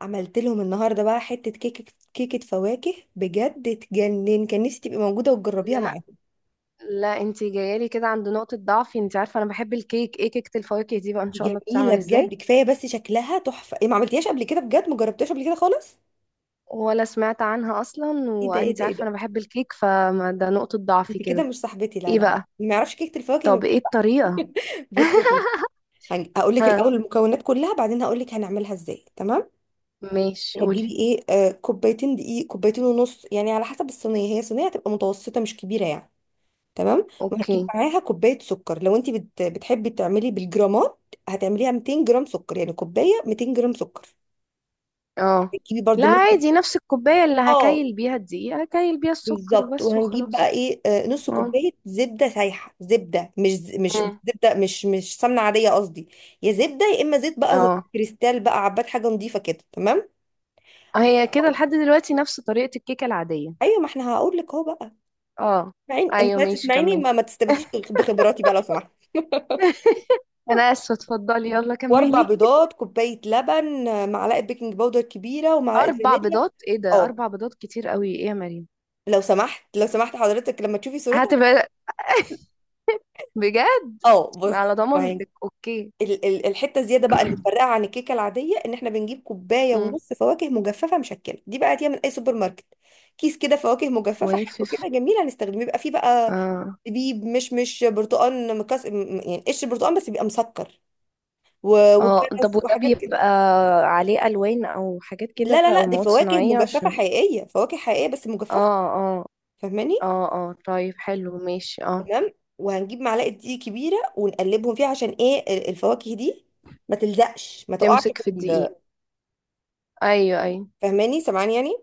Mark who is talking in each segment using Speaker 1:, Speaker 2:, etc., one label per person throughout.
Speaker 1: عملت لهم النهارده بقى حته كيكه، كيكه فواكه بجد تجنن. كان نفسي تبقي موجوده وتجربيها
Speaker 2: لا،
Speaker 1: معايا.
Speaker 2: لا، انت جايالي كده عند نقطة ضعفي، انت عارفة انا بحب الكيك، ايه كيكة الفواكه دي بقى؟ ان
Speaker 1: دي
Speaker 2: شاء الله
Speaker 1: جميله
Speaker 2: بتتعمل ازاي؟
Speaker 1: بجد، كفايه بس شكلها تحفه. إيه، ما عملتيهاش قبل كده؟ بجد ما جربتهاش قبل كده خالص.
Speaker 2: ولا سمعت عنها اصلا،
Speaker 1: ايه ده ايه
Speaker 2: وانت
Speaker 1: ده ايه
Speaker 2: عارفة
Speaker 1: ده،
Speaker 2: انا بحب الكيك، فده نقطة ضعفي
Speaker 1: انت كده
Speaker 2: كده.
Speaker 1: مش صاحبتي، لا
Speaker 2: ايه
Speaker 1: لا لا.
Speaker 2: بقى؟
Speaker 1: ما يعرفش كيكه الفواكه، ما
Speaker 2: طب ايه
Speaker 1: بيعرفش.
Speaker 2: الطريقة؟
Speaker 1: بصي يا ستي، هقول لك
Speaker 2: ها.
Speaker 1: الاول المكونات كلها، بعدين هقول لك هنعملها ازاي. تمام،
Speaker 2: ماشي، قولي.
Speaker 1: هتجيبي ايه، كوبايتين دقيق، كوبايتين ونص يعني على حسب الصينيه، هي صينيه هتبقى متوسطه مش كبيره يعني. تمام، وهتجيب
Speaker 2: اوكي.
Speaker 1: معاها كوبايه سكر، لو انت بتحبي تعملي بالجرامات، هتعمليها 200 جرام سكر، يعني كوبايه 200 جرام سكر.
Speaker 2: اه.
Speaker 1: هتجيبي
Speaker 2: لا،
Speaker 1: برضو نص.
Speaker 2: عادي، نفس الكوباية اللي
Speaker 1: اه،
Speaker 2: هكايل بيها الدقيق هكايل بيها السكر
Speaker 1: بالظبط.
Speaker 2: وبس
Speaker 1: وهنجيب بقى
Speaker 2: وخلاص.
Speaker 1: ايه، نص
Speaker 2: اه.
Speaker 1: كوبايه زبده سايحه. زبده، مش مش
Speaker 2: مم.
Speaker 1: زبده، مش سمنه عاديه قصدي. يا زبده يا اما زيت بقى
Speaker 2: اه.
Speaker 1: كريستال بقى عباد، حاجه نظيفه كده تمام.
Speaker 2: هي كده لحد دلوقتي نفس طريقة الكيكة العادية.
Speaker 1: ايوه، ما احنا هقول لك اهو بقى.
Speaker 2: اه.
Speaker 1: اسمعيني، انت
Speaker 2: ايوه،
Speaker 1: عايزة
Speaker 2: ماشي،
Speaker 1: تسمعيني،
Speaker 2: كمل.
Speaker 1: ما تستبديش بخبراتي بقى لو سمحت.
Speaker 2: انا اسفه، اتفضلي، يلا
Speaker 1: واربع
Speaker 2: كملي.
Speaker 1: بيضات، كوبايه لبن، معلقه بيكنج باودر كبيره، ومعلقه
Speaker 2: اربع
Speaker 1: فانيليا.
Speaker 2: بيضات؟ ايه ده،
Speaker 1: اه،
Speaker 2: اربع بيضات كتير قوي، ايه يا مريم؟
Speaker 1: لو سمحت لو سمحت حضرتك لما تشوفي صورتها.
Speaker 2: هتبقى. بجد.
Speaker 1: اه بص.
Speaker 2: على
Speaker 1: وهن-
Speaker 2: ضمانتك، اوكي.
Speaker 1: الحته الزياده بقى اللي بتفرقها عن الكيكه العاديه، ان احنا بنجيب كوبايه
Speaker 2: مم.
Speaker 1: ونص فواكه مجففه مشكله. دي بقى هتيجي من اي سوبر ماركت. كيس كده فواكه مجففه، حلو
Speaker 2: وافف.
Speaker 1: كده جميل هنستخدمه. بيبقى فيه بقى
Speaker 2: اه.
Speaker 1: زبيب، مش برتقال مكس، يعني قشر برتقال بس بيبقى مسكر،
Speaker 2: اه طب
Speaker 1: وكرز
Speaker 2: وده
Speaker 1: وحاجات كده.
Speaker 2: بيبقى عليه الوان او حاجات
Speaker 1: لا
Speaker 2: كده
Speaker 1: لا
Speaker 2: او
Speaker 1: لا، دي
Speaker 2: مواد
Speaker 1: فواكه
Speaker 2: صناعيه،
Speaker 1: مجففه
Speaker 2: عشان.
Speaker 1: حقيقيه، فواكه حقيقيه بس مجففه.
Speaker 2: اه اه
Speaker 1: فاهماني.
Speaker 2: اه، اه، طيب، حلو، ماشي، اه.
Speaker 1: تمام، وهنجيب معلقه دقيق كبيره ونقلبهم فيها، عشان ايه، الفواكه دي ما تلزقش، ما تقعش
Speaker 2: تمسك
Speaker 1: في
Speaker 2: في الدقيق.
Speaker 1: ال.
Speaker 2: ايوه، ايوه.
Speaker 1: فاهماني سامعاني يعني.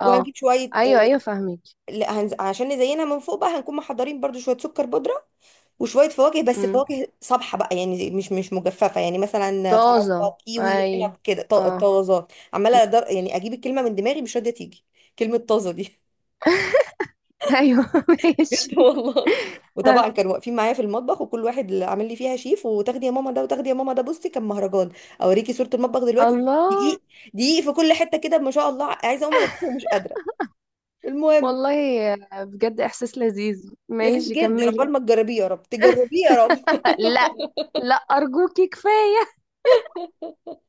Speaker 2: اه.
Speaker 1: وهنجيب شويه،
Speaker 2: ايوه، ايوه، فاهمك.
Speaker 1: لا هنز... عشان نزينها من فوق بقى، هنكون محضرين برضو شويه سكر بودره وشويه فواكه، بس
Speaker 2: امم.
Speaker 1: فواكه صبحه بقى، يعني مش مجففه، يعني مثلا
Speaker 2: طازه،
Speaker 1: فراوله، كيوي، عنب
Speaker 2: ايوه.
Speaker 1: كده طازه.
Speaker 2: اه.
Speaker 1: عماله يعني اجيب الكلمه من دماغي مش راضيه تيجي، كلمه طازه دي.
Speaker 2: ايوه، ماشي.
Speaker 1: بجد والله. وطبعا كانوا واقفين معايا في المطبخ، وكل واحد اللي عامل لي فيها شيف، وتاخدي يا ماما ده، وتاخدي يا ماما ده، بصي كان مهرجان. اوريكي صورة المطبخ دلوقتي.
Speaker 2: الله.
Speaker 1: دقيق، دقيق في كل حتة كده ما شاء الله. عايزة اقوم انضفه ومش قادرة. المهم،
Speaker 2: والله بجد احساس لذيذ،
Speaker 1: لذيذ
Speaker 2: ماشي
Speaker 1: جدا.
Speaker 2: كملي.
Speaker 1: عقبال ما تجربيه يا رب، تجربيه يا رب.
Speaker 2: لا، لا، ارجوكي، كفايه.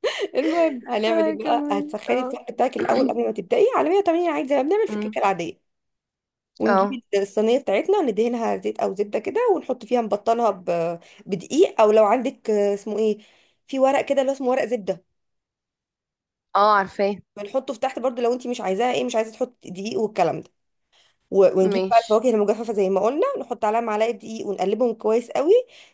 Speaker 1: المهم، هنعمل
Speaker 2: آه،
Speaker 1: ايه بقى؟
Speaker 2: كملي،
Speaker 1: هتسخني
Speaker 2: اه.
Speaker 1: الفرن بتاعك الاول قبل ما تبدأي على 180، عادي زي ما بنعمل في الكيكة
Speaker 2: أمم.
Speaker 1: العادية.
Speaker 2: اه.
Speaker 1: ونجيب الصينية بتاعتنا، ندهنها زيت أو زبدة كده، ونحط فيها، نبطنها بدقيق، أو لو عندك، اسمه إيه، في ورق كده اللي هو اسمه ورق زبدة،
Speaker 2: اه، عارفاه.
Speaker 1: بنحطه في تحت برضو، لو انت مش عايزاها ايه، مش عايزه تحط دقيق والكلام ده. ونجيب بقى
Speaker 2: ماشي.
Speaker 1: الفواكه المجففه زي ما قلنا، نحط عليها معلقه دقيق ونقلبهم كويس قوي.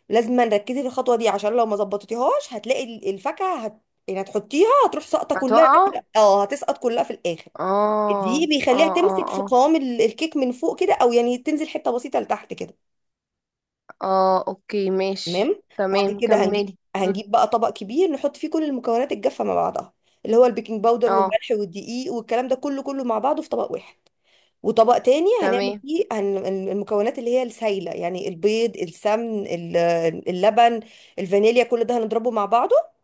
Speaker 1: لازم نركزي في الخطوه دي، عشان لو ما ظبطتيهاش هتلاقي الفاكهه يعني هتحطيها، هتروح ساقطه كلها
Speaker 2: هتقع، اه.
Speaker 1: اه هتسقط كلها في الاخر.
Speaker 2: اه،
Speaker 1: الدقيق
Speaker 2: اه،
Speaker 1: بيخليها تمسك في
Speaker 2: اه،
Speaker 1: قوام الكيك من فوق كده، او يعني تنزل حته بسيطه لتحت كده.
Speaker 2: اه، اوكي، ماشي.
Speaker 1: تمام. بعد
Speaker 2: تمام،
Speaker 1: كده هنجيب
Speaker 2: كملي. أمم.
Speaker 1: هنجيب بقى طبق كبير نحط فيه كل المكونات الجافه مع بعضها، اللي هو البيكنج باودر
Speaker 2: اه.
Speaker 1: والملح والدقيق والكلام ده، كله كله مع بعضه في طبق واحد. وطبق تاني هنعمل
Speaker 2: تمام،
Speaker 1: فيه المكونات اللي هي السايلة، يعني البيض، السمن، اللبن، الفانيليا، كل ده هنضربه مع بعضه،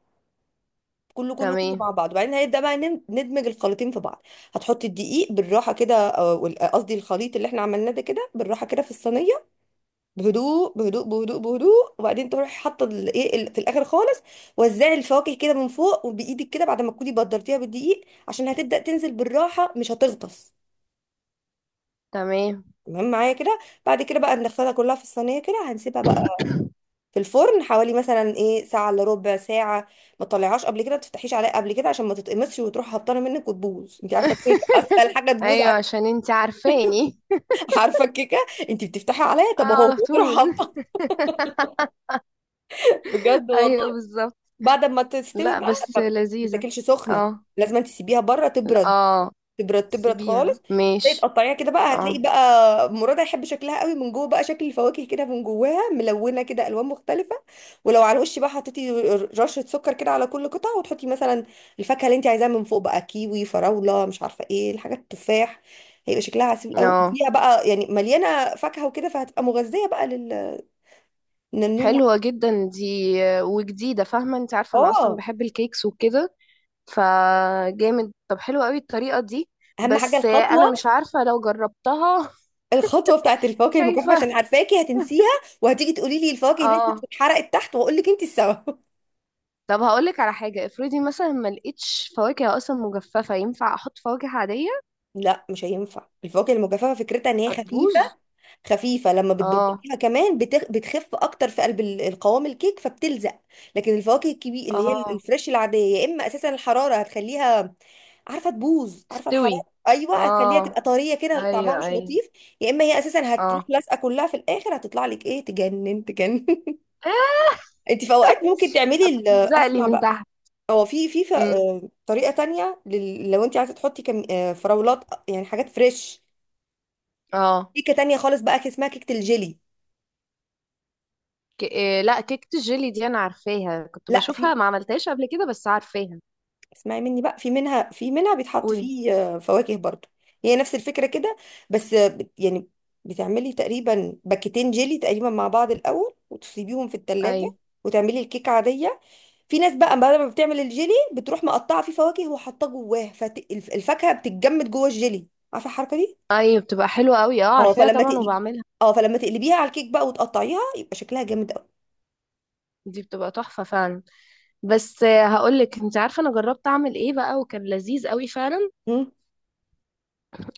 Speaker 1: كله كله كله
Speaker 2: تمام،
Speaker 1: مع بعضه. وبعدين هنبدأ بقى ندمج الخليطين في بعض. هتحطي الدقيق بالراحة كده، أو قصدي الخليط اللي احنا عملناه ده، كده بالراحة كده في الصينية، بهدوء بهدوء بهدوء بهدوء. وبعدين تروحي حاطة الايه في الآخر خالص، وزعي الفواكه كده من فوق وبإيدك كده، بعد ما تكوني بدرتيها بالدقيق، عشان هتبدأ تنزل بالراحة مش هتغطس.
Speaker 2: تمام.
Speaker 1: تمام معايا كده؟ بعد كده بقى بنغسلها كلها في الصينيه كده، هنسيبها بقى في الفرن حوالي مثلا ايه، ساعه الا ربع ساعه. ما تطلعهاش قبل كده، ما تفتحيش عليها قبل كده، عشان ما تتقمصش وتروح هبطانه منك وتبوظ. انت عارفه الكيكه اسهل حاجه تبوظ
Speaker 2: ايوه، عشان انتي عارفاني.
Speaker 1: عارفه الكيكه، انت بتفتحي عليها
Speaker 2: آه،
Speaker 1: طب اهو
Speaker 2: على
Speaker 1: وتروح
Speaker 2: طول.
Speaker 1: هبطانه. بجد
Speaker 2: ايوه،
Speaker 1: والله.
Speaker 2: بالظبط.
Speaker 1: بعد ما تستوي
Speaker 2: لا،
Speaker 1: بقى،
Speaker 2: بس
Speaker 1: ما
Speaker 2: لذيذة.
Speaker 1: بتاكلش سخنه.
Speaker 2: اه.
Speaker 1: لازم تسيبيها بره تبرد،
Speaker 2: اه.
Speaker 1: تبرد تبرد
Speaker 2: سيبيها،
Speaker 1: خالص. تلاقي
Speaker 2: ماشي.
Speaker 1: تقطعيها كده بقى هتلاقي
Speaker 2: اه.
Speaker 1: بقى مراد هيحب شكلها قوي، من جوه بقى شكل الفواكه كده من جواها، ملونه كده الوان مختلفه. ولو على الوش بقى حطيتي رشه سكر كده على كل قطعه، وتحطي مثلا الفاكهه اللي انت عايزاها من فوق بقى، كيوي، فراوله، مش عارفه ايه الحاجات، التفاح، هيبقى شكلها عسول قوي.
Speaker 2: اه.
Speaker 1: فيها بقى يعني مليانه فاكهه وكده، فهتبقى مغذيه بقى للنون
Speaker 2: حلوة جدا دي، وجديدة، فاهمة، انت عارفة انا اصلا
Speaker 1: اه.
Speaker 2: بحب الكيكس وكده. فجامد، طب حلوة قوي الطريقة دي.
Speaker 1: اهم حاجه
Speaker 2: بس انا
Speaker 1: الخطوه،
Speaker 2: مش عارفة لو جربتها.
Speaker 1: الخطوه بتاعت الفواكه المجففه،
Speaker 2: خايفة.
Speaker 1: عشان عارفاكي هتنسيها وهتيجي تقولي لي الفواكه اللي نزلت
Speaker 2: اه،
Speaker 1: اتحرقت تحت، واقول لك انت السبب.
Speaker 2: طب هقولك على حاجة، افرضي مثلا ما لقيتش فواكه اصلا مجففة، ينفع احط فواكه عادية؟
Speaker 1: لا مش هينفع. الفواكه المجففه فكرتها ان هي خفيفه،
Speaker 2: هتبوظ؟
Speaker 1: خفيفه لما
Speaker 2: اه،
Speaker 1: بتبططيها كمان بتخف اكتر في قلب القوام الكيك، فبتلزق. لكن الفواكه الكبير اللي هي
Speaker 2: اه،
Speaker 1: الفريش العاديه، يا اما اساسا الحراره هتخليها، عارفه تبوظ؟ عارفه
Speaker 2: تستوي.
Speaker 1: الحراره، ايوه، هتخليها
Speaker 2: اه،
Speaker 1: تبقى طريه كده طعمها
Speaker 2: ايوه،
Speaker 1: مش
Speaker 2: ايوه.
Speaker 1: لطيف. يا اما هي اساسا هتروح
Speaker 2: اه.
Speaker 1: لازقه كلها في الاخر، هتطلع لك ايه، تجنن تجنن. انت في اوقات ممكن تعملي
Speaker 2: زقلي
Speaker 1: اسمع
Speaker 2: من
Speaker 1: بقى.
Speaker 2: تحت.
Speaker 1: هو في في ف-
Speaker 2: امم.
Speaker 1: آه، طريقة تانية لو انت عايزة تحطي كم... آه، فراولات، يعني حاجات فريش،
Speaker 2: اه.
Speaker 1: كيكة تانية خالص بقى، اسمها كيكة الجيلي.
Speaker 2: إيه، لا، كيكة الجيلي دي انا عارفاها، كنت
Speaker 1: لا،
Speaker 2: بشوفها،
Speaker 1: في،
Speaker 2: ما عملتهاش قبل كده، بس عارفاها.
Speaker 1: اسمعي مني بقى، في منها، بيتحط
Speaker 2: قولي.
Speaker 1: فيه، فواكه برضو. هي نفس الفكرة كده، بس يعني بتعملي تقريبا باكيتين جيلي تقريبا مع بعض الأول، وتسيبيهم في
Speaker 2: اي.
Speaker 1: التلاجة، وتعملي الكيكة عادية. في ناس بقى بعد ما بتعمل الجيلي، بتروح مقطعة فيه فواكه وحاطاه جواه، فالفاكهة بتتجمد جوه الجيلي. عارفة الحركة دي؟
Speaker 2: اي، بتبقى حلوة قوي، اه،
Speaker 1: اه،
Speaker 2: عارفاها
Speaker 1: فلما
Speaker 2: طبعا،
Speaker 1: تقلي،
Speaker 2: وبعملها.
Speaker 1: اه فلما تقلبيها على الكيك بقى وتقطعيها، يبقى شكلها جامد قوي.
Speaker 2: دي بتبقى تحفة فعلا. بس هقولك، انت عارفة انا جربت اعمل ايه بقى، وكان لذيذ قوي فعلا.
Speaker 1: مم.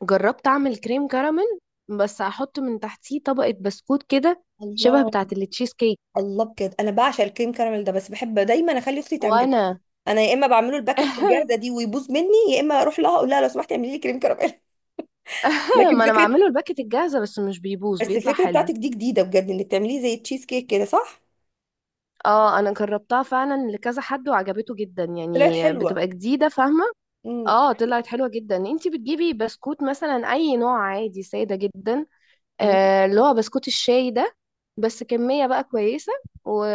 Speaker 2: جربت اعمل كريم كراميل، بس احط من تحتيه طبقة بسكوت كده، شبه بتاعة
Speaker 1: الله.
Speaker 2: التشيز كيك.
Speaker 1: الله بجد، انا بعشق الكريم كراميل ده، بس بحب دايما اخلي اختي تعمله.
Speaker 2: وانا.
Speaker 1: انا يا اما بعمله الباكت في الجاهزه دي ويبوظ مني، يا اما اروح لها اقول لها لو سمحتي اعملي لي كريم كراميل. لكن
Speaker 2: ما انا
Speaker 1: فكره،
Speaker 2: بعمله الباكت الجاهزة، بس مش بيبوظ،
Speaker 1: بس
Speaker 2: بيطلع
Speaker 1: الفكره بتاعتك
Speaker 2: حلو.
Speaker 1: دي جديده بجد، انك تعمليه زي تشيز كيك كده، صح؟
Speaker 2: اه، انا جربتها فعلا لكذا حد وعجبته جدا،
Speaker 1: طلعت
Speaker 2: يعني
Speaker 1: حلوه.
Speaker 2: بتبقى جديده، فاهمه؟
Speaker 1: مم.
Speaker 2: اه، طلعت حلوه جدا. انتي بتجيبي بسكوت مثلا اي نوع عادي، ساده جدا.
Speaker 1: مم.
Speaker 2: آه، اللي هو بسكوت الشاي ده. بس كميه بقى كويسه. و...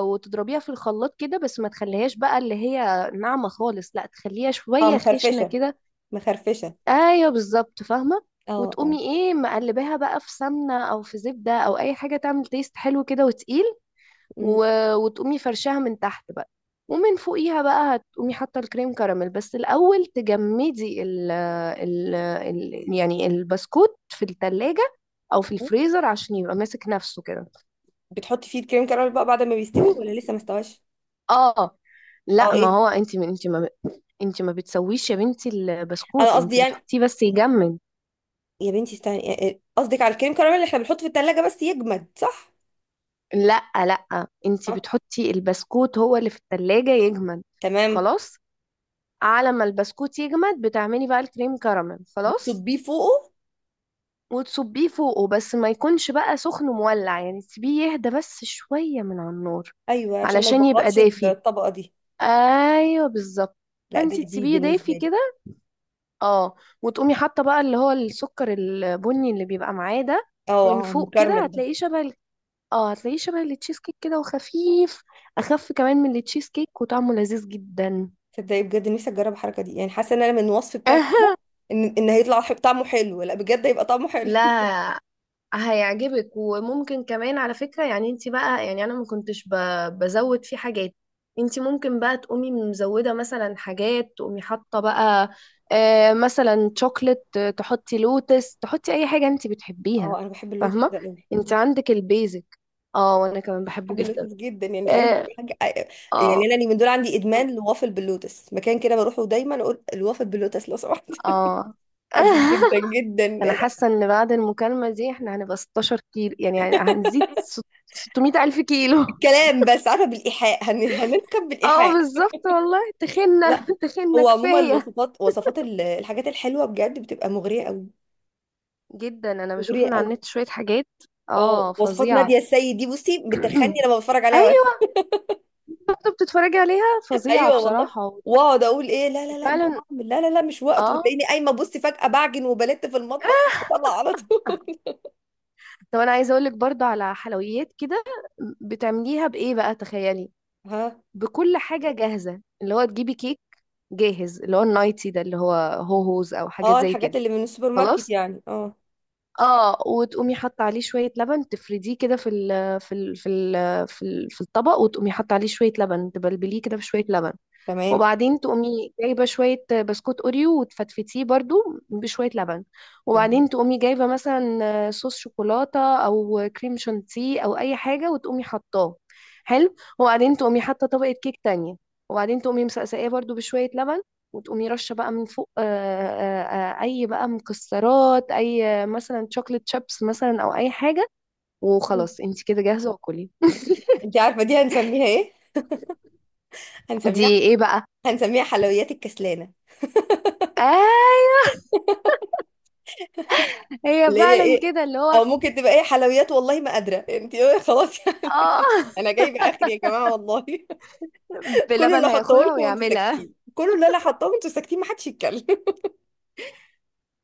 Speaker 2: وتضربيها في الخلاط كده، بس ما تخليهاش بقى اللي هي ناعمه خالص، لا، تخليها
Speaker 1: اه،
Speaker 2: شويه خشنه
Speaker 1: مخرفشه
Speaker 2: كده.
Speaker 1: مخرفشه.
Speaker 2: ايوه، بالظبط، فاهمه.
Speaker 1: اه اه.
Speaker 2: وتقومي ايه، مقلباها بقى في سمنه او في زبده او اي حاجه تعمل تيست حلو كده وتقيل.
Speaker 1: مم.
Speaker 2: و... وتقومي فرشاها من تحت بقى. ومن فوقيها بقى هتقومي حاطه الكريم كراميل، بس الاول تجمدي يعني البسكوت في التلاجة، او في الفريزر عشان يبقى ماسك نفسه كده.
Speaker 1: بتحطي فيه الكريم كراميل بقى بعد ما بيستوي، ولا لسه ما استواش؟
Speaker 2: اه.
Speaker 1: اه
Speaker 2: لا، ما
Speaker 1: ايه،
Speaker 2: هو انت ما بتسويش يا بنتي،
Speaker 1: انا
Speaker 2: البسكوت
Speaker 1: قصدي
Speaker 2: انت
Speaker 1: يعني،
Speaker 2: بتحطيه بس يجمد.
Speaker 1: يا بنتي استني. قصدك على الكريم كراميل اللي احنا بنحطه في التلاجة بس يجمد، صح؟
Speaker 2: لا، لا، انت
Speaker 1: آه،
Speaker 2: بتحطي البسكوت، هو اللي في التلاجة يجمد.
Speaker 1: تمام.
Speaker 2: خلاص. على ما البسكوت يجمد بتعملي بقى الكريم كراميل، خلاص.
Speaker 1: بتصبيه فوقه.
Speaker 2: وتصبيه فوقه، بس ما يكونش بقى سخن مولع، يعني تسيبيه يهدى بس شوية من على النار.
Speaker 1: ايوه، عشان ما
Speaker 2: علشان يبقى
Speaker 1: يبغطش
Speaker 2: دافي.
Speaker 1: الطبقة دي.
Speaker 2: ايوه، بالظبط.
Speaker 1: لا، ده
Speaker 2: فانتي
Speaker 1: جديد
Speaker 2: تسيبيه
Speaker 1: بالنسبة
Speaker 2: دافي
Speaker 1: لي.
Speaker 2: كده. اه. وتقومي حاطه بقى اللي هو السكر البني اللي بيبقى معاه ده،
Speaker 1: اه،
Speaker 2: من فوق كده
Speaker 1: المكرمل ده.
Speaker 2: هتلاقيه شبه اه، هتلاقيه شبه التشيز كيك كده وخفيف. اخف كمان من التشيز كيك وطعمه لذيذ جدا.
Speaker 1: تصدقي بجد نفسي اجرب الحركة دي، يعني حاسة ان انا من الوصف بتاعي كده، ان هيطلع طعمه حلو، لا بجد هيبقى طعمه حلو.
Speaker 2: لا. هيعجبك، وممكن كمان على فكرة، يعني انت بقى، يعني انا ما كنتش بزود فيه حاجات. انت ممكن بقى تقومي مزودة مثلا حاجات، تقومي حاطة بقى، مثلا شوكلت، تحطي لوتس، تحطي اي حاجة انت بتحبيها.
Speaker 1: اه، انا بحب اللوتس
Speaker 2: فاهمة؟
Speaker 1: ده قوي.
Speaker 2: انت عندك البيزك. اه، وانا كمان بحبه
Speaker 1: بحب
Speaker 2: جدا.
Speaker 1: اللوتس جدا، يعني اي
Speaker 2: اه.
Speaker 1: حاجة
Speaker 2: اه.
Speaker 1: يعني انا من دول، عندي ادمان لوافل باللوتس، مكان كده بروحه دايما اقول الوافل باللوتس لو سمحت.
Speaker 2: آه.
Speaker 1: بحبه جدا، جدا.
Speaker 2: انا حاسة ان بعد المكالمة دي احنا هنبقى 16 كيلو، يعني هنزيد 600 الف كيلو.
Speaker 1: كلام بس، عارفه بالايحاء هننخب
Speaker 2: اه،
Speaker 1: بالايحاء.
Speaker 2: بالظبط والله، تخنة.
Speaker 1: لا،
Speaker 2: تخنة
Speaker 1: هو عموما
Speaker 2: كفاية.
Speaker 1: وصفات، وصفات الحاجات الحلوه بجد بتبقى مغريه قوي،
Speaker 2: جدا، انا بشوف
Speaker 1: مغريه
Speaker 2: من على
Speaker 1: قوي.
Speaker 2: النت شوية حاجات.
Speaker 1: اه،
Speaker 2: اه،
Speaker 1: وصفات
Speaker 2: فظيعة.
Speaker 1: ناديه السيد دي بصي بتخني لما بتفرج عليها بس.
Speaker 2: ايوه. كنت بتتفرجي عليها؟ فظيعة
Speaker 1: ايوه والله.
Speaker 2: بصراحة.
Speaker 1: واقعد اقول ايه، لا لا لا مش
Speaker 2: وفعلا.
Speaker 1: هعمل، لا لا لا مش وقت،
Speaker 2: اه،
Speaker 1: وتلاقيني قايمه بصي فجاه بعجن وبلت في المطبخ وبطلع على طول.
Speaker 2: طب انا عايزة اقولك برضو على حلويات كده. بتعمليها بايه بقى؟ تخيلي.
Speaker 1: ها.
Speaker 2: بكل حاجة جاهزة، اللي هو تجيبي كيك جاهز، اللي هو النايتي ده، اللي هو هوهوز او حاجات
Speaker 1: اه،
Speaker 2: زي
Speaker 1: الحاجات
Speaker 2: كده.
Speaker 1: اللي من السوبر ماركت
Speaker 2: خلاص.
Speaker 1: يعني، اه
Speaker 2: اه، وتقومي حاطه عليه شويه لبن، تفرديه كده في الطبق، وتقومي حاطه عليه شويه لبن، تبلبليه كده بشويه لبن.
Speaker 1: تمام
Speaker 2: وبعدين تقومي جايبة شوية بسكوت أوريو وتفتفتيه برضو بشوية لبن.
Speaker 1: تمام.
Speaker 2: وبعدين تقومي جايبة مثلا صوص شوكولاتة أو كريم شانتيه أو أي حاجة وتقومي حطاه. حلو. وبعدين تقومي حاطة طبقة كيك تانية. وبعدين تقومي مسقساه برضو بشوية لبن. وتقومي رشة بقى من فوق، أي بقى مكسرات، أي مثلا شوكليت شيبس مثلا أو أي حاجة. وخلاص، انت كده جاهزة وكلي.
Speaker 1: انت عارفه دي هنسميها ايه؟ هنسميها،
Speaker 2: دي ايه بقى؟
Speaker 1: هنسميها حلويات الكسلانه،
Speaker 2: آه. هي
Speaker 1: اللي هي
Speaker 2: فعلا
Speaker 1: ايه،
Speaker 2: كده، اللي هو.
Speaker 1: او ممكن تبقى ايه، حلويات والله ما قادره انت. ايه خلاص يعني.
Speaker 2: اه.
Speaker 1: انا جايبه اخر يا جماعه والله. كل
Speaker 2: بلبن
Speaker 1: اللي احطه
Speaker 2: هياخدها
Speaker 1: لكم وانتوا
Speaker 2: ويعملها.
Speaker 1: ساكتين، كل اللي انا حطاه وانتوا ساكتين، ما حدش يتكلم.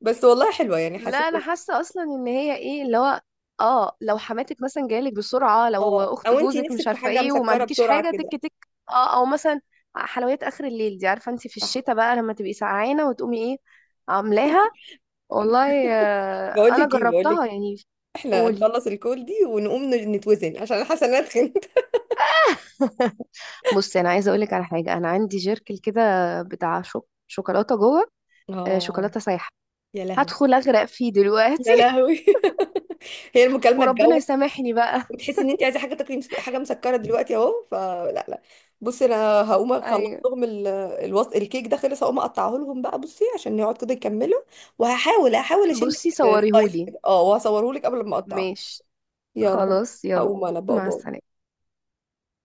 Speaker 1: بس والله حلوه، يعني
Speaker 2: لا،
Speaker 1: حسيت
Speaker 2: انا حاسه اصلا ان هي ايه، اللي هو. اه، لو حماتك مثلا جايلك بسرعه، لو
Speaker 1: اه،
Speaker 2: اخت
Speaker 1: او انت
Speaker 2: جوزك مش
Speaker 1: نفسك في
Speaker 2: عارفه
Speaker 1: حاجه
Speaker 2: ايه، وما
Speaker 1: مسكره
Speaker 2: عندكيش
Speaker 1: بسرعه
Speaker 2: حاجه،
Speaker 1: كده،
Speaker 2: تك تك. اه، او مثلا، حلويات اخر الليل دي، عارفه انت في
Speaker 1: صح.
Speaker 2: الشتاء بقى لما تبقي سقعانه وتقومي ايه، عاملاها. والله. آه،
Speaker 1: بقول
Speaker 2: انا
Speaker 1: لك ايه، بقول
Speaker 2: جربتها
Speaker 1: لك
Speaker 2: يعني.
Speaker 1: احنا
Speaker 2: قولي.
Speaker 1: نخلص الكول دي، ونقوم نتوزن، عشان انا حاسه ان انا اتخنت.
Speaker 2: بصي، انا عايزه اقولك على حاجه، انا عندي جيركل كده بتاع شوكولاته جوه.
Speaker 1: اه.
Speaker 2: شوكولاته سايحه.
Speaker 1: يا لهوي،
Speaker 2: هدخل اغرق فيه دلوقتي.
Speaker 1: يا لهوي. هي المكالمه.
Speaker 2: وربنا يسامحني بقى.
Speaker 1: بتحسي ان انت عايزه حاجه تاكلي حاجه مسكره دلوقتي اهو، فلا لا. بصي انا هقوم اخلص
Speaker 2: ايوه،
Speaker 1: لهم الكيك ده خلص، هقوم اقطعه لهم بقى بصي عشان يقعد كده يكملوا، وهحاول اشيل
Speaker 2: بصي
Speaker 1: لك سلايس
Speaker 2: صوريهولي.
Speaker 1: كده، اه وهصوره لك قبل ما اقطعه.
Speaker 2: ماشي.
Speaker 1: يلا،
Speaker 2: خلاص، يلا.
Speaker 1: هقوم انا بقى،
Speaker 2: مع
Speaker 1: باي.
Speaker 2: السلامة.